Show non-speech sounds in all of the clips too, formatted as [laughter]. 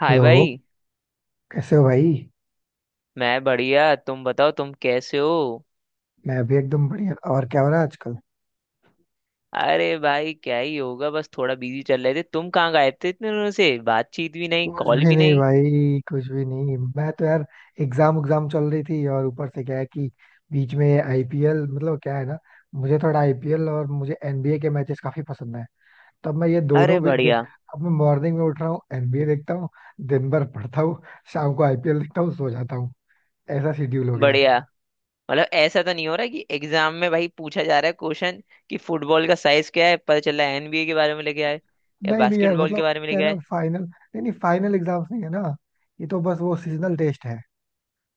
हाय hello. भाई। कैसे हो भाई? मैं बढ़िया, तुम बताओ तुम कैसे हो। मैं अभी एकदम बढ़िया। और क्या हो रहा है आजकल? अरे भाई क्या ही होगा, बस थोड़ा बिजी चल रहे थे। तुम कहाँ गए थे इतने दिनों से, बातचीत भी नहीं, कुछ कॉल भी भी नहीं नहीं। भाई, कुछ भी नहीं। मैं तो यार एग्जाम एग्जाम चल रही थी, और ऊपर से क्या है कि बीच में आईपीएल, मतलब क्या है ना, मुझे थोड़ा आईपीएल और मुझे एनबीए के मैचेस काफी पसंद है, तब मैं ये अरे दोनों भी देख। बढ़िया। अब मैं मॉर्निंग में उठ रहा हूँ एनबीए देखता हूँ, दिन भर पढ़ता हूँ, शाम को आईपीएल देखता हूँ, सो जाता हूँ। ऐसा शेड्यूल हो गया है। बढ़िया। मतलब ऐसा तो नहीं हो रहा कि एग्जाम में भाई पूछा जा रहा है क्वेश्चन कि फुटबॉल का साइज क्या है, पता चला एनबीए के बारे में लेके आए या नहीं नहीं यार, बास्केटबॉल के मतलब बारे में क्या लेके है ना, आए। फाइनल नहीं नहीं, फाइनल एग्जाम्स नहीं है ना। ये तो बस वो सीजनल टेस्ट है,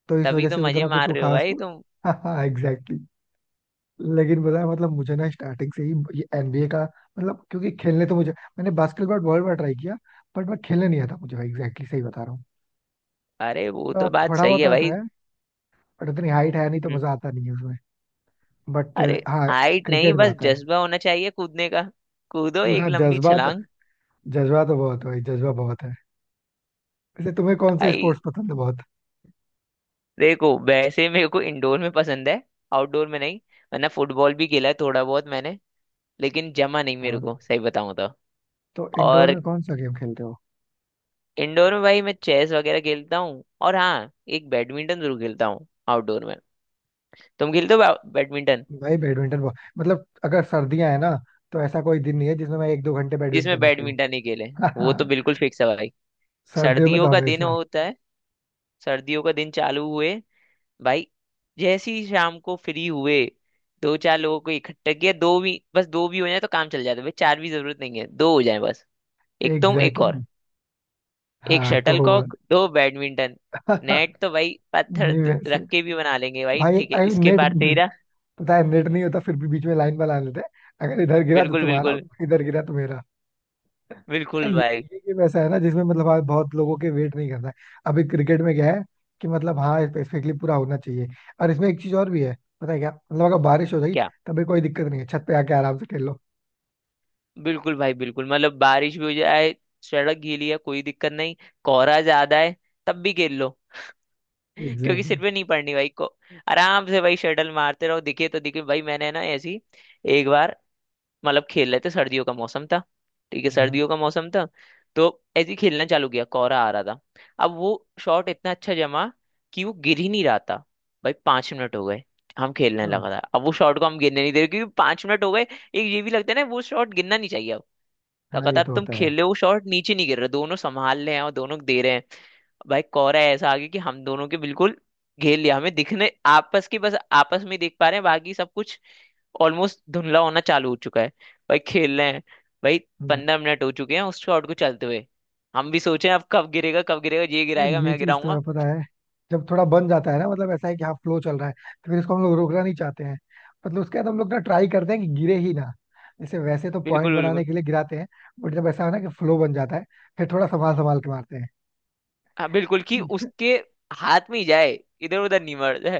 तो इस तभी वजह तो से मजे उतना कुछ मार वो रहे हो खास भाई तुम। [laughs] हाँ, एग्जैक्टली। लेकिन बताया, मतलब मुझे ना स्टार्टिंग से ही ये एनबीए का मतलब क्योंकि खेलने तो मुझे, मैंने बास्केटबॉल बहुत बार ट्राई किया, बट मैं खेलने नहीं आता मुझे, एग्जैक्टली सही बता रहा हूँ। अरे वो तो मतलब बात थोड़ा सही बहुत है आता भाई। है, बट इतनी हाइट है नहीं तो हम्म। मजा आता नहीं है उसमें। बट अरे हाँ, हाइट नहीं, क्रिकेट तो बस आता है। जज्बा होना चाहिए कूदने का। कूदो एक पूरा लंबी जज्बा तो, छलांग। जज्बा तो बहुत है भाई, जज्बा बहुत है। वैसे तुम्हें कौन सा आई, स्पोर्ट्स पसंद है बहुत? देखो वैसे मेरे को इंडोर में पसंद है, आउटडोर में नहीं। वरना फुटबॉल भी खेला है थोड़ा बहुत मैंने, लेकिन जमा नहीं मेरे हाँ, को सही बताऊं तो। तो इंडोर और में कौन सा गेम खेलते हो? इंडोर में भाई मैं चेस वगैरह खेलता हूँ, और हाँ एक बैडमिंटन जरूर खेलता हूँ आउटडोर में। तुम खेलते हो बैडमिंटन। भाई बैडमिंटन बहुत, मतलब अगर सर्दियां है ना, तो ऐसा कोई दिन नहीं है जिसमें मैं एक दो घंटे जिसमें बैडमिंटन ना खेलूं। बैडमिंटन ही खेले, वो तो [laughs] बिल्कुल फिक्स है भाई। सर्दियों में तो सर्दियों का दिन हमेशा होता है। सर्दियों का दिन चालू हुए भाई, जैसे ही शाम को फ्री हुए, दो चार लोगों को इकट्ठा किया। दो भी, बस दो भी हो जाए तो काम चल जाता है भाई, चार भी जरूरत नहीं है, दो हो जाए बस। एक तुम एक एग्जैक्टली और। exactly. एक हाँ तो हुआ। शटलकॉक, दो बैडमिंटन। [laughs] नेट तो नहीं, भाई पत्थर वैसे रख के भी बना लेंगे भाई, भाई ठीक है इसके नेट, पार तेरा। पता है नेट नहीं होता फिर भी बीच में लाइन बना लेते हैं, अगर इधर गिरा तो बिल्कुल तुम्हारा, बिल्कुल। इधर गिरा तो मेरा। ये बिल्कुल भाई। ये गेम ऐसा है ना जिसमें, मतलब हाँ, बहुत लोगों के वेट नहीं करना है। अभी क्रिकेट में क्या है कि मतलब हाँ, स्पेसिफिकली पूरा होना चाहिए। और इसमें एक चीज और भी है, पता है क्या, मतलब अगर बारिश हो जाएगी क्या तभी कोई दिक्कत नहीं है, छत पे आके आराम से खेल लो। बिल्कुल भाई। बिल्कुल मतलब बारिश भी हो जाए, सड़क गीली है, कोई दिक्कत नहीं। कोहरा ज्यादा है, तब भी खेल लो। [laughs] क्योंकि एग्जैक्टली। सिर पे नहीं पड़नी भाई को। आराम से भाई शटल मारते रहो, दिखे तो दिखे। भाई मैंने ना ऐसी एक बार, मतलब खेल रहे थे, सर्दियों का मौसम था, ठीक है हाँ सर्दियों का मौसम था, तो ऐसे ही खेलना चालू किया, कोहरा आ रहा था। अब वो शॉट इतना अच्छा जमा कि वो गिर ही नहीं रहा था। भाई 5 मिनट हो गए, हम खेलने हाँ। लगा था, अब वो शॉट को हम गिरने नहीं दे रहे, क्योंकि 5 मिनट हो गए, एक ये भी लगता है ना वो शॉट गिरना नहीं चाहिए अब। हाँ, ये लगातार तो तुम होता खेल है। रहे हो, शॉट नीचे नहीं गिर रहा, दोनों संभाल रहे हैं और दोनों दे रहे हैं। भाई कोहरा ऐसा आ गया कि हम दोनों के बिल्कुल घेर लिया हमें, दिखने आपस की, बस आपस में ही देख पा रहे हैं, बाकी सब कुछ ऑलमोस्ट धुंधला होना चालू हो चुका है। भाई खेल रहे हैं भाई। हम्म, 15 मिनट हो चुके हैं उस शॉट को चलते हुए। हम भी सोचे अब कब गिरेगा, कब गिरेगा, ये यार गिराएगा ये मैं चीज तो गिराऊंगा। है पता है, जब थोड़ा बन जाता है ना, मतलब ऐसा है कि हाँ फ्लो चल रहा है, तो फिर इसको हम लोग रोकना नहीं चाहते हैं। मतलब उसके बाद हम लोग ना ट्राई करते हैं कि गिरे ही ना, जैसे वैसे तो पॉइंट बिल्कुल बिल्कुल। बनाने के लिए गिराते हैं। बट जब ऐसा हो ना कि फ्लो बन जाता है, फिर थोड़ा संभाल संभाल के मारते हाँ बिल्कुल, कि हैं। उसके हाथ में ही जाए, इधर उधर नहीं मर जाए।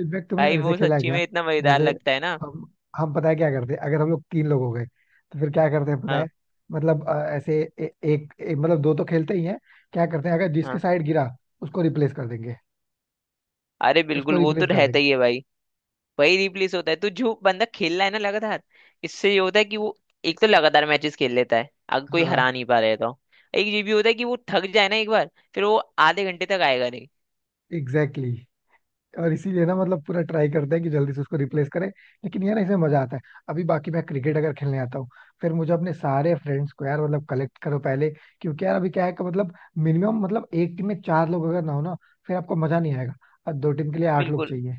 इनफैक्ट तुमने भाई ऐसे वो खेला है सच्ची क्या? में इतना मजेदार जैसे लगता है ना। हम हम पता है क्या करते हैं? अगर हम लोग तीन लोग हो गए तो फिर क्या करते हैं पता हाँ। है, मतलब अ, ऐसे ए, एक, एक मतलब दो तो खेलते ही हैं। क्या करते हैं, अगर जिसके हाँ, साइड गिरा उसको रिप्लेस कर देंगे, अरे बिल्कुल उसको वो तो रिप्लेस कर रहता देंगे। ही है भाई। वही रिप्लेस होता है, तो जो बंदा खेल रहा है ना लगातार, इससे ये होता है कि वो एक तो लगातार मैचेस खेल लेता है अगर कोई हरा हाँ, नहीं पा रहे है तो। एक ये भी होता है कि वो थक जाए ना एक बार, फिर वो आधे घंटे तक आएगा नहीं। एग्जैक्टली। और इसीलिए ना, मतलब पूरा ट्राई करते हैं कि जल्दी से उसको रिप्लेस करें, लेकिन यार इसमें मजा आता है। अभी बाकी मैं क्रिकेट अगर खेलने आता हूँ, फिर मुझे अपने सारे फ्रेंड्स को यार मतलब कलेक्ट करो पहले। क्योंकि यार अभी क्या है कि मतलब मिनिमम, मतलब एक टीम में चार लोग अगर ना हो ना, फिर आपको मजा नहीं आएगा। और दो टीम के लिए आठ लोग बिल्कुल। चाहिए।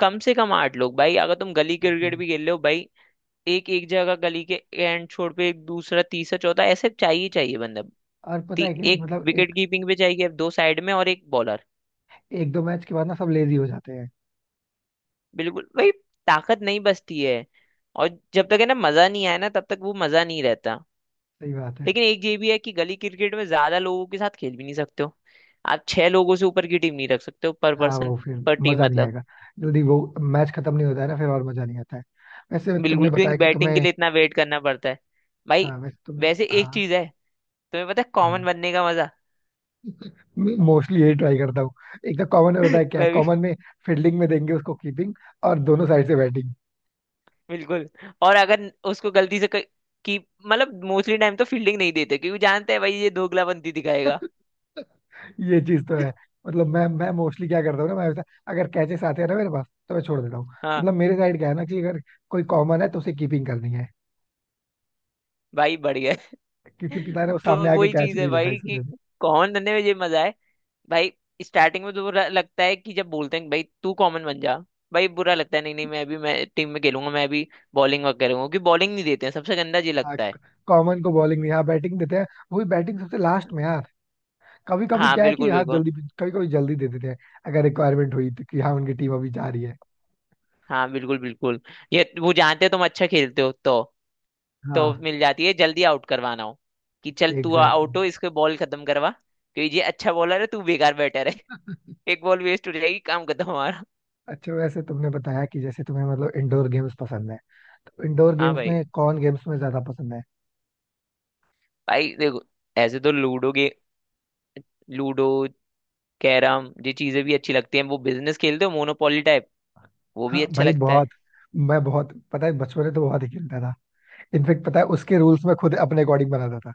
कम से कम 8 लोग भाई, अगर तुम गली क्रिकेट Exactly. भी खेल रहे हो भाई। एक एक जगह गली के एंड छोर पे, एक दूसरा तीसरा चौथा ऐसे चाहिए ही चाहिए बंदा। और पता है क्या है, एक मतलब विकेट एक कीपिंग पे चाहिए, अब दो साइड में और एक बॉलर। एक दो मैच के बाद ना सब लेजी हो जाते हैं। बिल्कुल भाई। ताकत नहीं बचती है। और जब तक है ना मजा नहीं आया ना, तब तक वो मजा नहीं रहता। सही बात है। लेकिन एक ये भी है कि गली क्रिकेट में ज्यादा लोगों के साथ खेल भी नहीं सकते हो। आप 6 लोगों से ऊपर की टीम नहीं रख सकते हो पर हाँ, पर्सन। वो फिर पर टीम मजा नहीं मतलब। आएगा, जल्दी वो मैच खत्म नहीं होता है ना फिर, और मजा नहीं आता है। वैसे तुमने बिल्कुल, क्योंकि बताया कि बैटिंग के तुम्हें, लिए इतना वेट करना पड़ता है भाई। हाँ वैसे तुम, वैसे एक हाँ। चीज है, तुम्हें पता है कॉमन हाँ, बनने का मजा। [laughs] मोस्टली यही ट्राई करता हूँ। एक तो कॉमन में बताया क्या है, मैं भी। कॉमन में फील्डिंग में देंगे उसको, कीपिंग और दोनों साइड से बैटिंग। बिल्कुल। और अगर उसको गलती से कोई- कि मतलब मोस्टली टाइम तो फील्डिंग नहीं देते, क्योंकि जानते हैं भाई ये दोगलाबंदी दिखाएगा। [laughs] ये चीज तो है। [laughs] मतलब मैं मोस्टली क्या करता हूँ ना, मैं वैसा अगर कैचेस आते हैं ना मेरे पास तो मैं छोड़ देता हूँ। हाँ मतलब मेरे साइड क्या है ना कि अगर कोई कॉमन है तो उसे कीपिंग करनी है, भाई बढ़ गया। क्योंकि पता [laughs] है वो सामने तो आके वही कैच चीज है नहीं लेगा भाई इस कि वजह से। कौन धंधे में ये मजा है भाई। स्टार्टिंग में तो बुरा लगता है कि जब बोलते हैं कि भाई तू कॉमन बन जा, भाई बुरा लगता है, नहीं नहीं मैं भी, मैं टीम में खेलूंगा, मैं भी बॉलिंग वगैरह करूंगा, क्योंकि बॉलिंग नहीं देते हैं, सबसे गंदा ये हाँ, लगता है। कॉमन को बॉलिंग नहीं, हाँ बैटिंग देते हैं, वो भी बैटिंग सबसे लास्ट में यार। कभी कभी हाँ क्या है कि बिल्कुल हाँ बिल्कुल। जल्दी, कभी कभी जल्दी दे देते हैं अगर रिक्वायरमेंट हुई तो, कि हाँ उनकी टीम अभी जा रही है। हाँ बिल्कुल बिल्कुल। ये वो जानते हैं तुम अच्छा खेलते हो, तो हाँ, मिल जाती है जल्दी, आउट करवाना हो कि चल तू एग्जैक्टली। आउट हो, इसको बॉल खत्म करवा, क्योंकि ये अच्छा बॉलर है तू बेकार बैटर है। [laughs] एक बॉल वेस्ट हो जाएगी, काम खत्म हमारा। अच्छा वैसे तुमने बताया कि जैसे तुम्हें मतलब इंडोर गेम्स पसंद है, तो इंडोर हाँ गेम्स भाई। में कौन गेम्स में ज्यादा पसंद है? भाई देखो, ऐसे तो लूडो के, लूडो, कैरम, ये चीजें भी अच्छी लगती हैं। वो बिजनेस खेलते हो मोनोपोली टाइप, वो भी हाँ अच्छा भाई, लगता है। बहुत। मैं बहुत, पता है बचपन में तो बहुत ही खेलता था। इनफेक्ट पता है उसके रूल्स में खुद अपने अकॉर्डिंग बनाता था,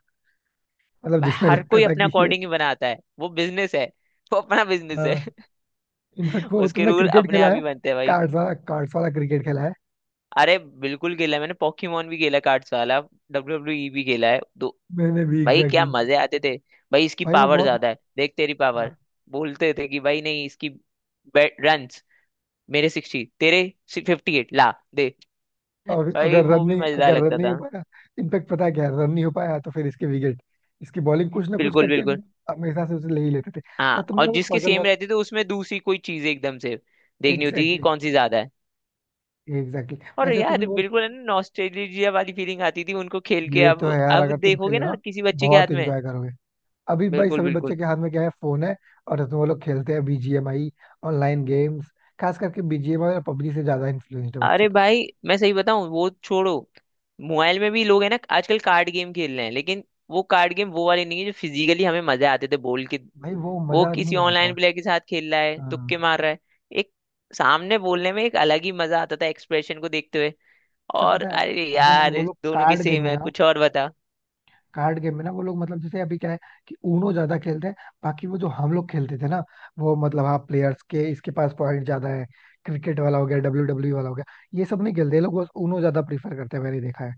मतलब भाई जिसमें हर लगता कोई था अपने कि ये अकॉर्डिंग ही बनाता है वो बिजनेस है, वो अपना बिजनेस है। हाँ, इनफैक्ट [laughs] वो उसके तुमने रूल क्रिकेट अपने खेला आप है ही बनते हैं भाई। कार्ड्स वाला क्रिकेट खेला है? अरे बिल्कुल खेला है मैंने, पोकेमोन भी खेला कार्ड्स वाला, डब्ल्यू डब्ल्यू ई भी खेला है दो। मैंने भी भाई एग्जैक्टली क्या exactly. मजे आते थे, भाई इसकी भाई वो पावर बहुत। ज्यादा है, देख तेरी हाँ, पावर। बोलते थे कि भाई नहीं इसकी रन मेरे 60, तेरे 58 ला दे। [laughs] और भाई अगर रन वो भी नहीं मजेदार अगर रन लगता नहीं हो था। पाया, इनफैक्ट पता है क्या, रन नहीं हो पाया तो फिर इसके विकेट, इसकी बॉलिंग कुछ ना कुछ बिल्कुल करके बिल्कुल। मतलब हमेशा से उसे ले ही लेते थे। अच्छा हाँ, तुमने और वो जिसके पजल, सेम रहते थे, उसमें दूसरी कोई चीज एकदम से देखनी होती थी कि एग्जैक्टली, कौन सी ज्यादा है। एग्जैक्टली। और वैसे तुमने यार वो, बिल्कुल है ना, नॉस्टैल्जिया वाली फीलिंग आती थी उनको खेल के, ये तो है यार, अब अगर तुम देखोगे खेलो ना ना किसी बच्चे के हाथ बहुत में। एंजॉय करोगे। अभी भाई बिल्कुल सभी बिल्कुल। बच्चे के हाथ में क्या है, फोन है, और उसमें वो लोग खेलते हैं बीजीएमआई, ऑनलाइन गेम्स, खास करके बीजीएमआई और पबजी से ज्यादा इन्फ्लुएंस्ड है बच्चे अरे तो। भाई मैं सही बताऊं, वो छोड़ो, मोबाइल में भी लोग है ना आजकल कार्ड गेम खेल रहे हैं, लेकिन वो कार्ड गेम वो वाले नहीं है जो फिजिकली हमें मजे आते थे बोल के। भाई वो वो मजा किसी नहीं ऑनलाइन आएगा। प्लेयर के साथ खेल रहा है, तुक्के हाँ, मार रहा है। एक सामने बोलने में एक अलग ही मजा आता था एक्सप्रेशन को देखते हुए। अच्छा और पता है, अरे अभी ना यार वो लोग दोनों की कार्ड गेम सेम में है, ना, कुछ और बता। कार्ड गेम में ना, वो लोग मतलब जैसे अभी क्या है कि ऊनो ज्यादा खेलते हैं। बाकी वो जो हम लोग खेलते थे ना, वो मतलब हाँ, प्लेयर्स के इसके पास पॉइंट ज्यादा है, क्रिकेट वाला हो गया, डब्ल्यू डब्ल्यू वाला हो गया, ये सब नहीं खेलते ये लोग, बस ऊनो ज्यादा प्रीफर करते हैं, मैंने देखा है।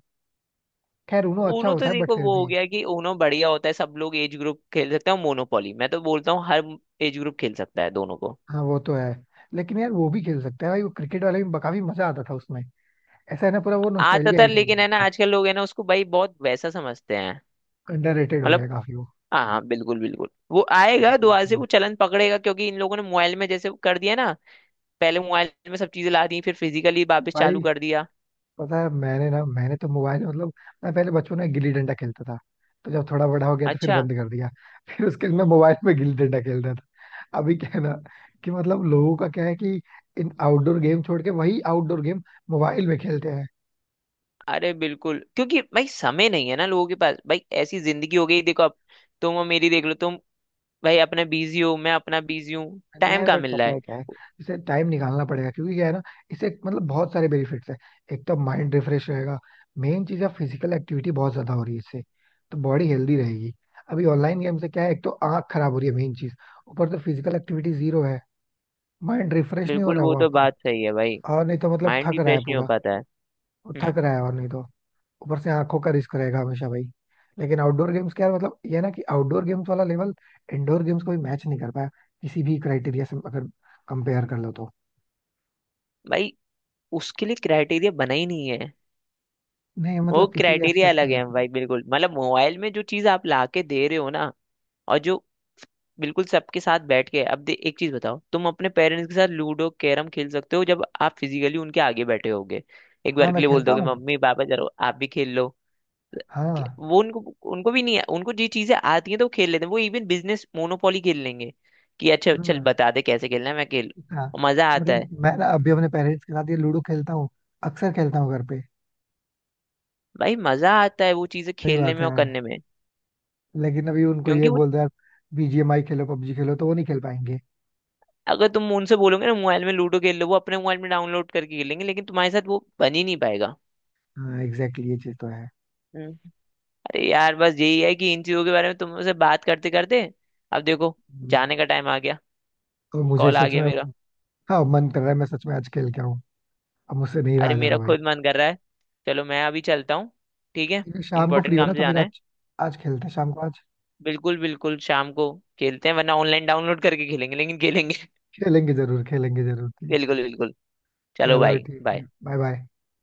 खैर ऊनो अच्छा ऊनो तो होता है बट देखो फिर वो हो भी। गया कि ऊनो बढ़िया होता है, सब लोग एज ग्रुप खेल सकते हैं। मोनोपोली मैं तो बोलता हूँ हर एज ग्रुप खेल सकता है, दोनों को। हाँ वो तो है। लेकिन यार वो भी खेल सकते हैं भाई, वो क्रिकेट वाले में काफी मजा आता था उसमें। ऐसा है ना, पूरा वो आता नोस्टैल्जिया था, हिट हो लेकिन है ना गया। आजकल लोग है ना उसको भाई बहुत वैसा समझते हैं। अंडररेटेड हो मतलब गया काफी वो। हाँ हाँ बिल्कुल बिल्कुल वो आएगा, दुआ से बिल्कुल। वो चलन पकड़ेगा, क्योंकि इन लोगों ने मोबाइल में जैसे कर दिया ना, पहले मोबाइल में सब चीजें ला दी, फिर फिजिकली वापस भाई चालू कर दिया। पता है मैंने तो मोबाइल में, मतलब मैं पहले बचपन में गिल्ली डंडा खेलता था, तो जब थोड़ा बड़ा हो गया तो फिर अच्छा। बंद कर दिया [laughs] फिर उसके बाद मैं मोबाइल में गिल्ली डंडा खेलता था। अभी क्या है ना कि मतलब लोगों का क्या है कि इन आउटडोर गेम छोड़ के वही आउटडोर गेम मोबाइल में खेलते हैं। अरे बिल्कुल, क्योंकि भाई समय नहीं है ना लोगों के पास, भाई ऐसी जिंदगी हो गई, देखो अब तुम और मेरी देख लो, तुम भाई अपने बिजी हूँ, मैं अपना बिजी हूँ, नहीं टाइम है, कहाँ बट मिल रहा पता है। है क्या है, इसे टाइम निकालना पड़ेगा क्योंकि क्या है ना, इसे मतलब बहुत सारे बेनिफिट्स हैं। एक तो माइंड रिफ्रेश रहेगा, मेन चीज है, फिजिकल एक्टिविटी बहुत ज्यादा हो रही है इससे, तो बॉडी हेल्दी रहेगी। अभी ऑनलाइन गेम से क्या है, एक तो आंख खराब हो रही है, मेन चीज, ऊपर से फिजिकल एक्टिविटी जीरो है, माइंड रिफ्रेश नहीं हो बिल्कुल रहा है वो वो तो आपका, बात सही है भाई। और नहीं तो मतलब माइंड थक भी रहा फ्रेश है नहीं हो पूरा, पाता है। वो हम्म। थक रहा है, और नहीं तो ऊपर से आंखों का रिस्क रहेगा हमेशा भाई। लेकिन आउटडोर गेम्स क्या है, मतलब ये है ना कि आउटडोर गेम्स वाला लेवल इंडोर गेम्स को भी मैच नहीं कर पाया, किसी भी क्राइटेरिया से अगर कंपेयर कर लो तो। भाई उसके लिए क्राइटेरिया बना ही नहीं है। नहीं, वो मतलब किसी भी क्राइटेरिया एस्पेक्ट अलग में है देखो तुम। भाई, बिल्कुल मतलब मोबाइल में जो चीज आप ला के दे रहे हो ना, और जो बिल्कुल सबके साथ बैठ के, एक चीज बताओ, तुम अपने पेरेंट्स के साथ लूडो कैरम खेल सकते हो जब आप फिजिकली उनके आगे बैठे होगे। एक हाँ बार के मैं लिए बोल खेलता दोगे हूँ। मम्मी पापा चलो आप भी खेल लो। हाँ, वो उनको, उनको भी नहीं, उनको जी चीजें आती हैं तो वो खेल लेते हैं, वो इवन बिजनेस मोनोपोली खेल लेंगे कि अच्छा चल हाँ, बता दे कैसे खेलना है मैं खेल। हाँ। और मजा आता मतलब है। मैं ना अभी अपने पेरेंट्स के साथ ये लूडो खेलता हूँ, अक्सर खेलता हूँ घर पे। भाई मजा आता है वो चीजें सही खेलने बात में है और यार। करने में। लेकिन अभी उनको ये क्योंकि वो, बोल दो यार बीजीएमआई खेलो, पबजी खेलो, तो वो नहीं खेल पाएंगे। अगर तुम उनसे बोलोगे ना मोबाइल में लूडो खेल लो, वो अपने मोबाइल में डाउनलोड करके खेलेंगे, लेकिन तुम्हारे साथ वो बन ही नहीं पाएगा। हाँ एग्जैक्टली, ये चीज तो है। हम्म। अरे यार बस यही है कि इन चीजों के बारे में तुमसे बात करते करते, अब देखो हम्म। जाने का टाइम आ गया, और मुझे कॉल आ सच गया में मेरा। अब-, हाँ मन कर रहा है, मैं सच में आज खेल के आऊँ, अब मुझसे नहीं रहा अरे जा रहा मेरा भाई। खुद मन कर रहा है। चलो मैं अभी चलता हूँ, ठीक है। अगर शाम को फ्री इंपॉर्टेंट हो ना काम से तो फिर जाना है। आज, आज खेलते हैं शाम को आज। बिल्कुल बिल्कुल, शाम को खेलते हैं, वरना ऑनलाइन डाउनलोड करके खेलेंगे, लेकिन खेलेंगे। [laughs] खेलेंगे जरूर, खेलेंगे जरूर, ठीक है। बिल्कुल बिल्कुल। चलो चलो भाई ठीक है, बाय। Bye bye.